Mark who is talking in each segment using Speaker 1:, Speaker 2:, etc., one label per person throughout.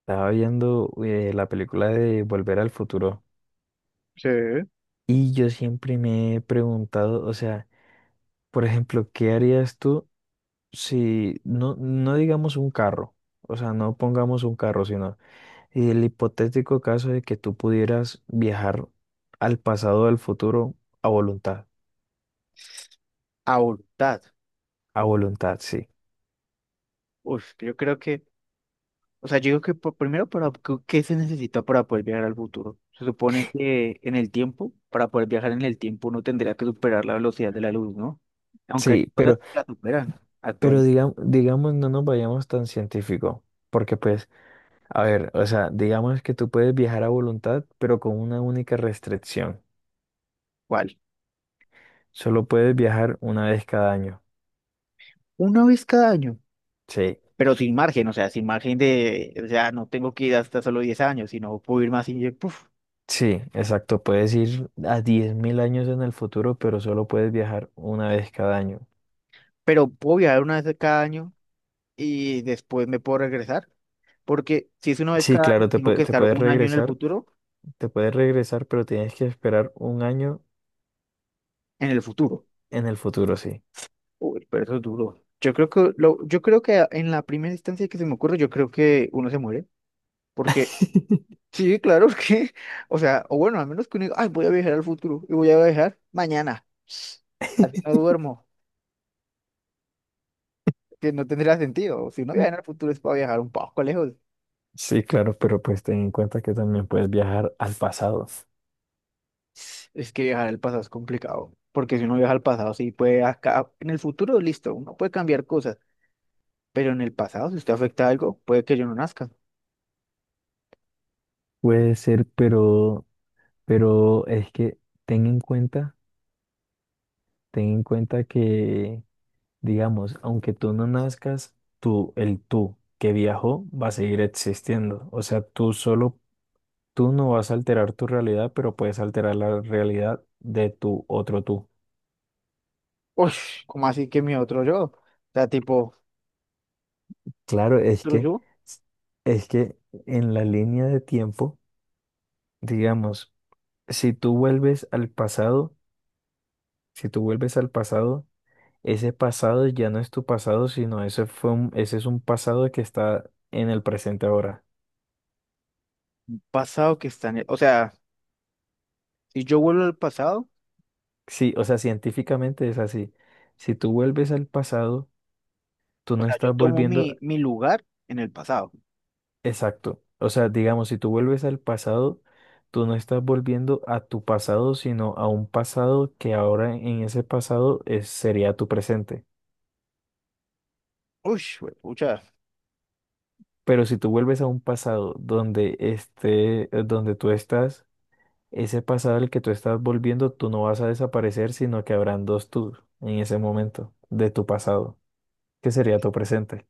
Speaker 1: Estaba viendo la película de Volver al Futuro
Speaker 2: Sí.
Speaker 1: y yo siempre me he preguntado, o sea, por ejemplo, ¿qué harías tú si no, no digamos un carro? O sea, no pongamos un carro, sino el hipotético caso de que tú pudieras viajar al pasado o al futuro a voluntad.
Speaker 2: A voluntad.
Speaker 1: A voluntad, sí.
Speaker 2: Uf, yo creo que, o sea, yo digo que primero, para, ¿qué se necesita para poder viajar al futuro? Se supone que en el tiempo, para poder viajar en el tiempo, uno tendría que superar la velocidad de la luz, ¿no? Aunque hay
Speaker 1: Sí,
Speaker 2: cosas
Speaker 1: pero,
Speaker 2: que la superan
Speaker 1: pero
Speaker 2: actualmente.
Speaker 1: digamos, no nos vayamos tan científico, porque pues, a ver, o sea, digamos que tú puedes viajar a voluntad, pero con una única restricción.
Speaker 2: ¿Cuál?
Speaker 1: Solo puedes viajar una vez cada año.
Speaker 2: Una vez cada año,
Speaker 1: Sí,
Speaker 2: pero sin margen, o sea, sin margen de, o sea, no tengo que ir hasta solo 10 años, sino puedo ir más y, puf,
Speaker 1: sí, exacto. Puedes ir a 10.000 años en el futuro, pero solo puedes viajar una vez cada año.
Speaker 2: pero puedo viajar una vez cada año y después me puedo regresar, porque si es una vez
Speaker 1: Sí,
Speaker 2: cada año,
Speaker 1: claro,
Speaker 2: tengo que
Speaker 1: te
Speaker 2: estar
Speaker 1: puedes
Speaker 2: un año en el
Speaker 1: regresar,
Speaker 2: futuro
Speaker 1: pero tienes que esperar un año
Speaker 2: en el futuro.
Speaker 1: en el futuro, sí.
Speaker 2: Uy, pero eso es duro. Yo creo que en la primera instancia que se me ocurre, yo creo que uno se muere. Porque, sí, claro que, o sea, o bueno, al menos que uno diga, ay, voy a viajar al futuro y voy a viajar mañana. Así no duermo, que no tendría sentido. Si uno
Speaker 1: Mm.
Speaker 2: viaja al futuro es para viajar un poco lejos.
Speaker 1: Sí, claro, pero pues ten en cuenta que también puedes viajar al pasado.
Speaker 2: Es que viajar al pasado es complicado. Porque si uno viaja al pasado, sí puede acá, en el futuro, listo, uno puede cambiar cosas. Pero en el pasado, si usted afecta a algo, puede que yo no nazca.
Speaker 1: Puede ser, pero es que ten en cuenta, ten en cuenta que digamos, aunque tú no nazcas, el tú que viajó va a seguir existiendo. O sea, tú no vas a alterar tu realidad, pero puedes alterar la realidad de tu otro tú.
Speaker 2: Uy, ¿cómo así que mi otro yo? O sea, tipo,
Speaker 1: Claro, es
Speaker 2: otro
Speaker 1: que,
Speaker 2: yo,
Speaker 1: es que en la línea de tiempo, digamos, si tú vuelves al pasado, si tú vuelves al pasado, ese pasado ya no es tu pasado, sino ese es un pasado que está en el presente ahora.
Speaker 2: un pasado que está en el, o sea, si yo vuelvo al pasado,
Speaker 1: Sí, o sea, científicamente es así. Si tú vuelves al pasado, tú
Speaker 2: o
Speaker 1: no
Speaker 2: sea, yo
Speaker 1: estás
Speaker 2: tomo
Speaker 1: volviendo,
Speaker 2: mi lugar en el pasado.
Speaker 1: exacto. O sea, digamos, si tú vuelves al pasado, tú no estás volviendo a tu pasado, sino a un pasado que ahora en ese pasado sería tu presente.
Speaker 2: Uy, pucha.
Speaker 1: Pero si tú vuelves a un pasado donde tú estás, ese pasado al que tú estás volviendo, tú no vas a desaparecer, sino que habrán dos tú en ese momento de tu pasado, que sería tu presente.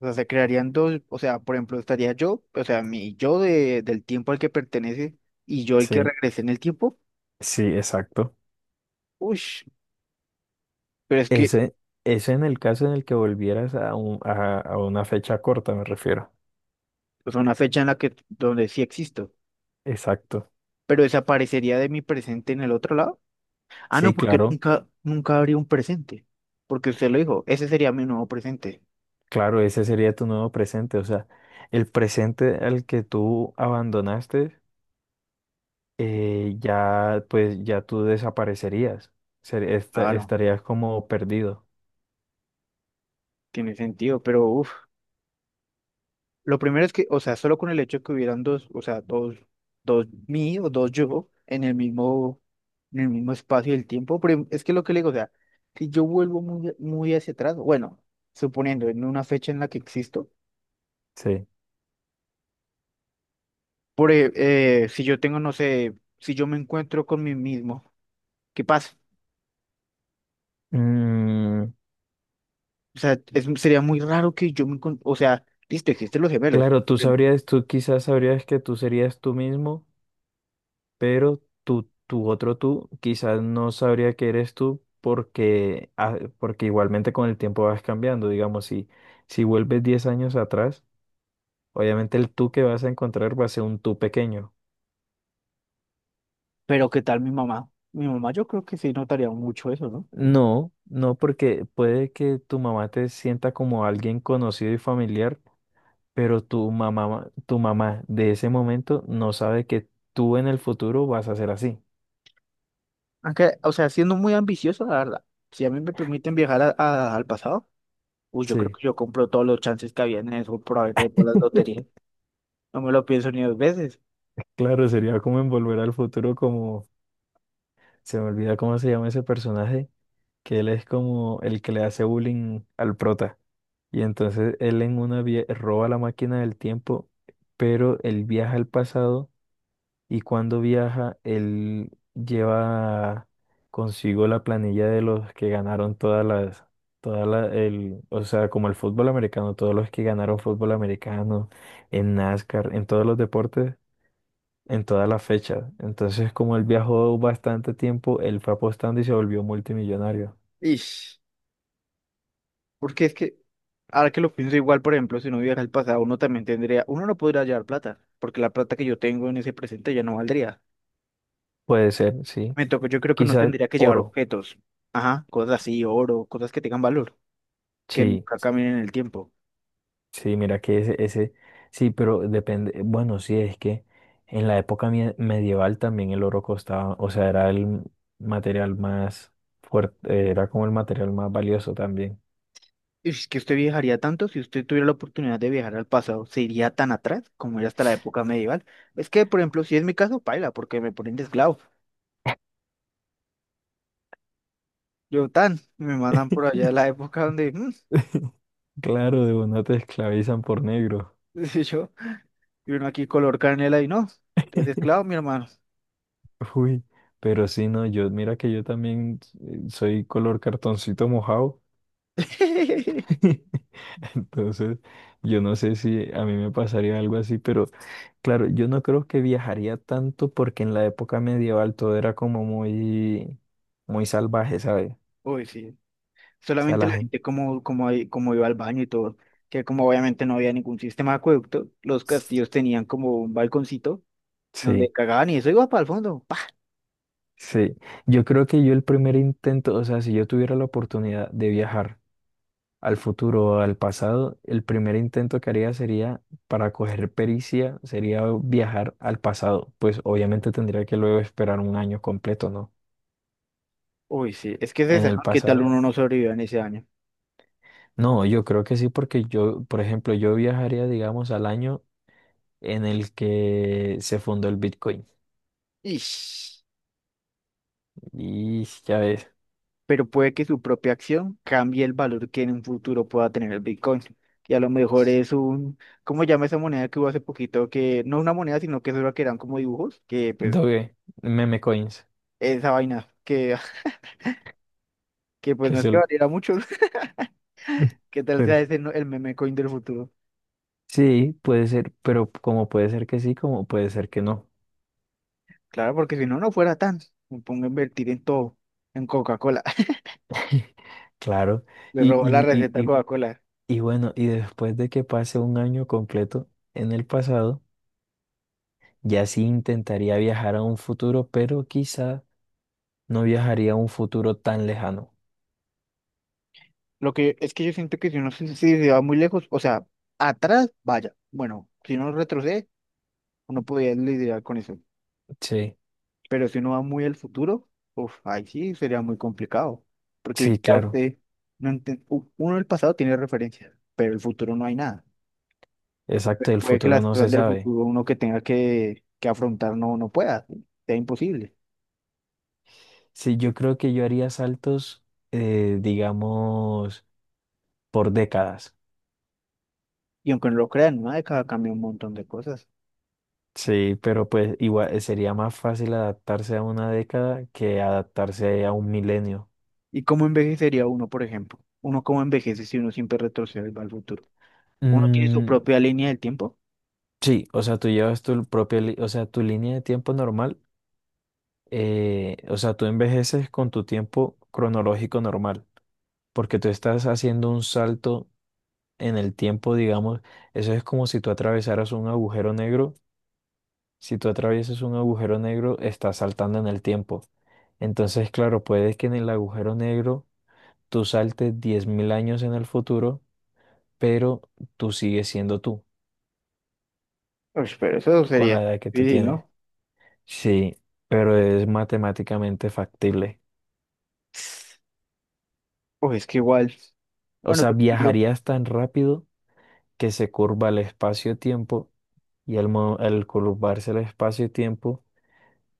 Speaker 2: O sea, se crearían dos, o sea, por ejemplo, estaría yo, o sea, mi yo del tiempo al que pertenece y yo el que
Speaker 1: Sí,
Speaker 2: regrese en el tiempo.
Speaker 1: sí, exacto.
Speaker 2: Uy, pero es que
Speaker 1: Ese, ese en el caso en el que volvieras a una fecha corta, me refiero.
Speaker 2: es una fecha en la que, donde sí existo,
Speaker 1: Exacto.
Speaker 2: pero desaparecería de mi presente en el otro lado. Ah,
Speaker 1: Sí,
Speaker 2: no, porque
Speaker 1: claro,
Speaker 2: nunca, nunca habría un presente, porque usted lo dijo, ese sería mi nuevo presente.
Speaker 1: claro, ese sería tu nuevo presente. O sea, el presente al que tú abandonaste, ya, pues, ya tú desaparecerías.
Speaker 2: Claro,
Speaker 1: Estarías como perdido.
Speaker 2: tiene sentido, pero uff, lo primero es que, o sea, solo con el hecho de que hubieran dos, o sea, dos, mí o dos yo en el mismo espacio del tiempo, pero es que lo que le digo, o sea, si yo vuelvo muy, muy hacia atrás, bueno, suponiendo en una fecha en la que existo,
Speaker 1: Sí.
Speaker 2: por, e- si yo tengo, no sé, si yo me encuentro con mí mismo, ¿qué pasa?
Speaker 1: Mm,
Speaker 2: O sea, sería muy raro que yo o sea, listo, existen los gemelos,
Speaker 1: claro,
Speaker 2: pero
Speaker 1: tú quizás sabrías que tú serías tú mismo pero tu otro tú quizás no sabría que eres tú porque, ah, porque igualmente con el tiempo vas cambiando. Digamos, si vuelves 10 años atrás, obviamente el tú que vas a encontrar va a ser un tú pequeño.
Speaker 2: pero ¿qué tal mi mamá? Mi mamá yo creo que sí notaría mucho eso, ¿no?
Speaker 1: No, no, porque puede que tu mamá te sienta como alguien conocido y familiar, pero tu mamá de ese momento no sabe que tú en el futuro vas a ser así.
Speaker 2: Aunque, o sea, siendo muy ambicioso, la verdad, si a mí me permiten viajar al pasado, uy, yo creo
Speaker 1: Sí,
Speaker 2: que yo compro todos los chances que había en eso por haber de todas las loterías. No me lo pienso ni dos veces.
Speaker 1: claro, sería como envolver al futuro como se me olvida cómo se llama ese personaje, que él es como el que le hace bullying al prota. Y entonces él en una vía roba la máquina del tiempo, pero él viaja al pasado y cuando viaja, él lleva consigo la planilla de los que ganaron todas las, todas la, el, o sea, como el fútbol americano, todos los que ganaron fútbol americano, en NASCAR, en todos los deportes en todas las fechas. Entonces, como él viajó bastante tiempo, él fue apostando y se volvió multimillonario.
Speaker 2: Ish, porque es que, ahora que lo pienso igual, por ejemplo, si uno viaja al pasado, uno también tendría, uno no podría llevar plata, porque la plata que yo tengo en ese presente ya no valdría.
Speaker 1: Puede ser, sí.
Speaker 2: Me toca, yo creo que uno
Speaker 1: Quizás
Speaker 2: tendría que llevar
Speaker 1: oro.
Speaker 2: objetos, ajá, cosas así, oro, cosas que tengan valor, que
Speaker 1: Sí,
Speaker 2: nunca caminen en el tiempo.
Speaker 1: sí, mira que ese, sí, pero depende. Bueno, sí, es que en la época medieval también el oro costaba, o sea, era el material más fuerte, era como el material más valioso también.
Speaker 2: Es que usted viajaría tanto si usted tuviera la oportunidad de viajar al pasado, se iría tan atrás como era hasta la época medieval. Es que, por ejemplo, si es mi caso, paila, porque me ponen de esclavo. Yo tan, me mandan por allá a la época donde,
Speaker 1: Claro, de una te esclavizan por negro.
Speaker 2: y yo, y uno aquí color canela y no, es esclavo, mi hermano.
Speaker 1: Uy, pero sí, no, yo, mira que yo también soy color cartoncito mojado. Entonces, yo no sé si a mí me pasaría algo así, pero claro, yo no creo que viajaría tanto porque en la época medieval todo era como muy, muy salvaje, ¿sabes? O
Speaker 2: Uy, sí.
Speaker 1: sea,
Speaker 2: Solamente
Speaker 1: la
Speaker 2: la
Speaker 1: gente.
Speaker 2: gente como, como iba al baño y todo, que como obviamente no había ningún sistema de acueducto, los castillos tenían como un balconcito
Speaker 1: Sí,
Speaker 2: donde cagaban y eso iba para el fondo.
Speaker 1: sí. Yo creo que yo el primer intento, o sea, si yo tuviera la oportunidad de viajar al futuro al pasado, el primer intento que haría sería, para coger pericia, sería viajar al pasado. Pues obviamente tendría que luego esperar un año completo, ¿no?
Speaker 2: Uy, sí, es que es
Speaker 1: En
Speaker 2: esa,
Speaker 1: el
Speaker 2: ¿no? ¿Qué tal
Speaker 1: pasado.
Speaker 2: uno no sobrevivió en ese año?
Speaker 1: No, yo creo que sí, porque yo, por ejemplo, yo viajaría, digamos, al año en el que se fundó el Bitcoin.
Speaker 2: Ish.
Speaker 1: Y ya ves,
Speaker 2: Pero puede que su propia acción cambie el valor que en un futuro pueda tener el Bitcoin. Y a lo mejor es un, ¿cómo llama esa moneda que hubo hace poquito? Que no una moneda, sino que solo que eran como dibujos, que pues
Speaker 1: Doge, meme coins,
Speaker 2: esa vaina, que, que pues
Speaker 1: que
Speaker 2: no es
Speaker 1: es
Speaker 2: que
Speaker 1: el...
Speaker 2: valiera mucho. ¿Qué tal
Speaker 1: Pero
Speaker 2: sea ese el meme coin del futuro?
Speaker 1: sí, puede ser, pero como puede ser que sí, como puede ser que no.
Speaker 2: Claro, porque si no, no fuera tan. Me pongo a invertir en todo, en Coca-Cola.
Speaker 1: Claro.
Speaker 2: Le
Speaker 1: y
Speaker 2: robó la receta a
Speaker 1: Y,
Speaker 2: Coca-Cola.
Speaker 1: Y bueno, y después de que pase un año completo en el pasado, ya sí intentaría viajar a un futuro, pero quizá no viajaría a un futuro tan lejano.
Speaker 2: Lo que es que yo siento que si se va muy lejos, o sea, atrás, vaya. Bueno, si uno retrocede, uno podría lidiar con eso.
Speaker 1: Sí,
Speaker 2: Pero si uno va muy al futuro, uf, ahí sí sería muy complicado. Porque
Speaker 1: sí,
Speaker 2: ya
Speaker 1: claro,
Speaker 2: usted no entiende. Uno del pasado tiene referencias, pero el futuro no hay nada.
Speaker 1: exacto, el
Speaker 2: Puede que
Speaker 1: futuro
Speaker 2: las
Speaker 1: no se
Speaker 2: cosas del
Speaker 1: sabe.
Speaker 2: futuro uno que tenga que afrontar no pueda, ¿sí? Sea imposible.
Speaker 1: Sí, yo creo que yo haría saltos, digamos, por décadas.
Speaker 2: Y aunque no lo crean, una década cambia un montón de cosas.
Speaker 1: Sí, pero pues igual sería más fácil adaptarse a una década que adaptarse a un milenio.
Speaker 2: ¿Y cómo envejecería uno, por ejemplo? ¿Uno cómo envejece si uno siempre retrocede y va al futuro? Uno tiene su
Speaker 1: Mm,
Speaker 2: propia línea del tiempo.
Speaker 1: sí, o sea, tú llevas tu propia, li- o sea, tu línea de tiempo normal, o sea, tú envejeces con tu tiempo cronológico normal, porque tú estás haciendo un salto en el tiempo, digamos, eso es como si tú atravesaras un agujero negro, si tú atraviesas un agujero negro, estás saltando en el tiempo. Entonces, claro, puede que en el agujero negro tú saltes 10.000 años en el futuro, pero tú sigues siendo tú
Speaker 2: Uy, pero eso
Speaker 1: con
Speaker 2: sería
Speaker 1: la edad que tú
Speaker 2: difícil,
Speaker 1: tienes.
Speaker 2: ¿no?
Speaker 1: Sí, pero es matemáticamente factible.
Speaker 2: Uy, es que igual,
Speaker 1: O
Speaker 2: bueno,
Speaker 1: sea,
Speaker 2: te explico.
Speaker 1: viajarías tan rápido que se curva el espacio-tiempo y al curvarse el espacio-tiempo,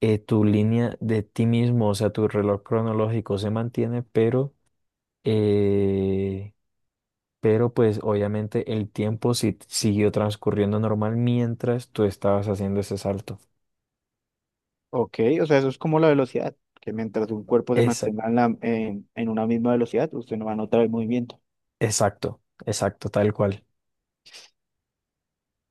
Speaker 1: tu línea de ti mismo, o sea, tu reloj cronológico se mantiene, eh, pero pues obviamente el tiempo siguió transcurriendo normal mientras tú estabas haciendo ese salto.
Speaker 2: Ok, o sea, eso es como la velocidad, que mientras un cuerpo se mantenga
Speaker 1: Exacto,
Speaker 2: en una misma velocidad, usted no va a notar el movimiento.
Speaker 1: exacto, exacto, tal cual.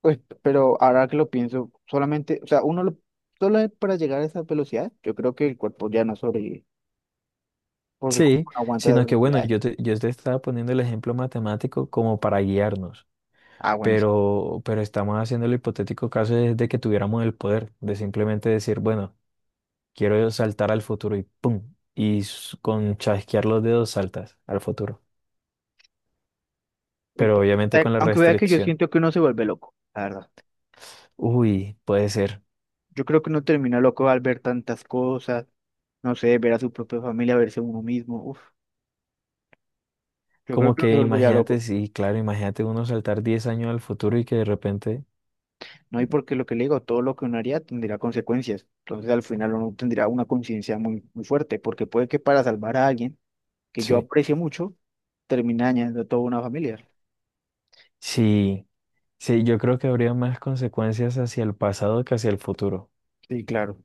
Speaker 2: Pues, pero ahora que lo pienso, solamente, o sea, solo para llegar a esa velocidad, yo creo que el cuerpo ya no sobrevive, porque el
Speaker 1: Sí,
Speaker 2: cuerpo no aguanta esas
Speaker 1: sino que bueno,
Speaker 2: velocidades.
Speaker 1: yo te estaba poniendo el ejemplo matemático como para guiarnos.
Speaker 2: Ah, bueno, sí.
Speaker 1: Pero estamos haciendo el hipotético caso de que tuviéramos el poder, de simplemente decir, bueno, quiero saltar al futuro y ¡pum! Con chasquear los dedos saltas al futuro,
Speaker 2: Uy,
Speaker 1: pero obviamente con la
Speaker 2: aunque vea que yo
Speaker 1: restricción.
Speaker 2: siento que uno se vuelve loco, la verdad.
Speaker 1: Uy, puede ser.
Speaker 2: Yo creo que uno termina loco al ver tantas cosas, no sé, ver a su propia familia, verse uno mismo. Uf, yo creo
Speaker 1: Como
Speaker 2: que me
Speaker 1: que
Speaker 2: volvería
Speaker 1: imagínate,
Speaker 2: loco.
Speaker 1: sí, claro, imagínate uno saltar 10 años al futuro y que de repente,
Speaker 2: No, y porque lo que le digo, todo lo que uno haría tendría consecuencias. Entonces al final uno tendría una conciencia muy, muy fuerte, porque puede que para salvar a alguien que yo
Speaker 1: sí,
Speaker 2: aprecio mucho, termine dañando a toda una familia.
Speaker 1: sí, sí, yo creo que habría más consecuencias hacia el pasado que hacia el futuro.
Speaker 2: Sí, claro.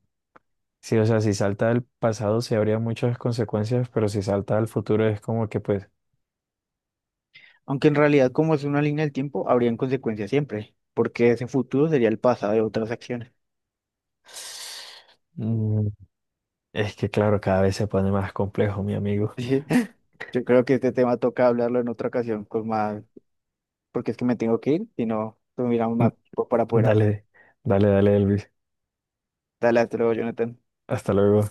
Speaker 1: Sí, o sea, si salta al pasado sí habría muchas consecuencias, pero si salta al futuro es como que pues
Speaker 2: Aunque en realidad, como es una línea del tiempo, habrían consecuencias siempre, porque ese futuro sería el pasado de otras acciones.
Speaker 1: mm, es que claro, cada vez se pone más complejo, mi amigo.
Speaker 2: Sí, yo creo que este tema toca hablarlo en otra ocasión con más, porque es que me tengo que ir, si no, tuviéramos más tiempo para poder hablar.
Speaker 1: Dale, dale, dale, Elvis.
Speaker 2: Dale. Hasta luego, Jonathan.
Speaker 1: Hasta luego.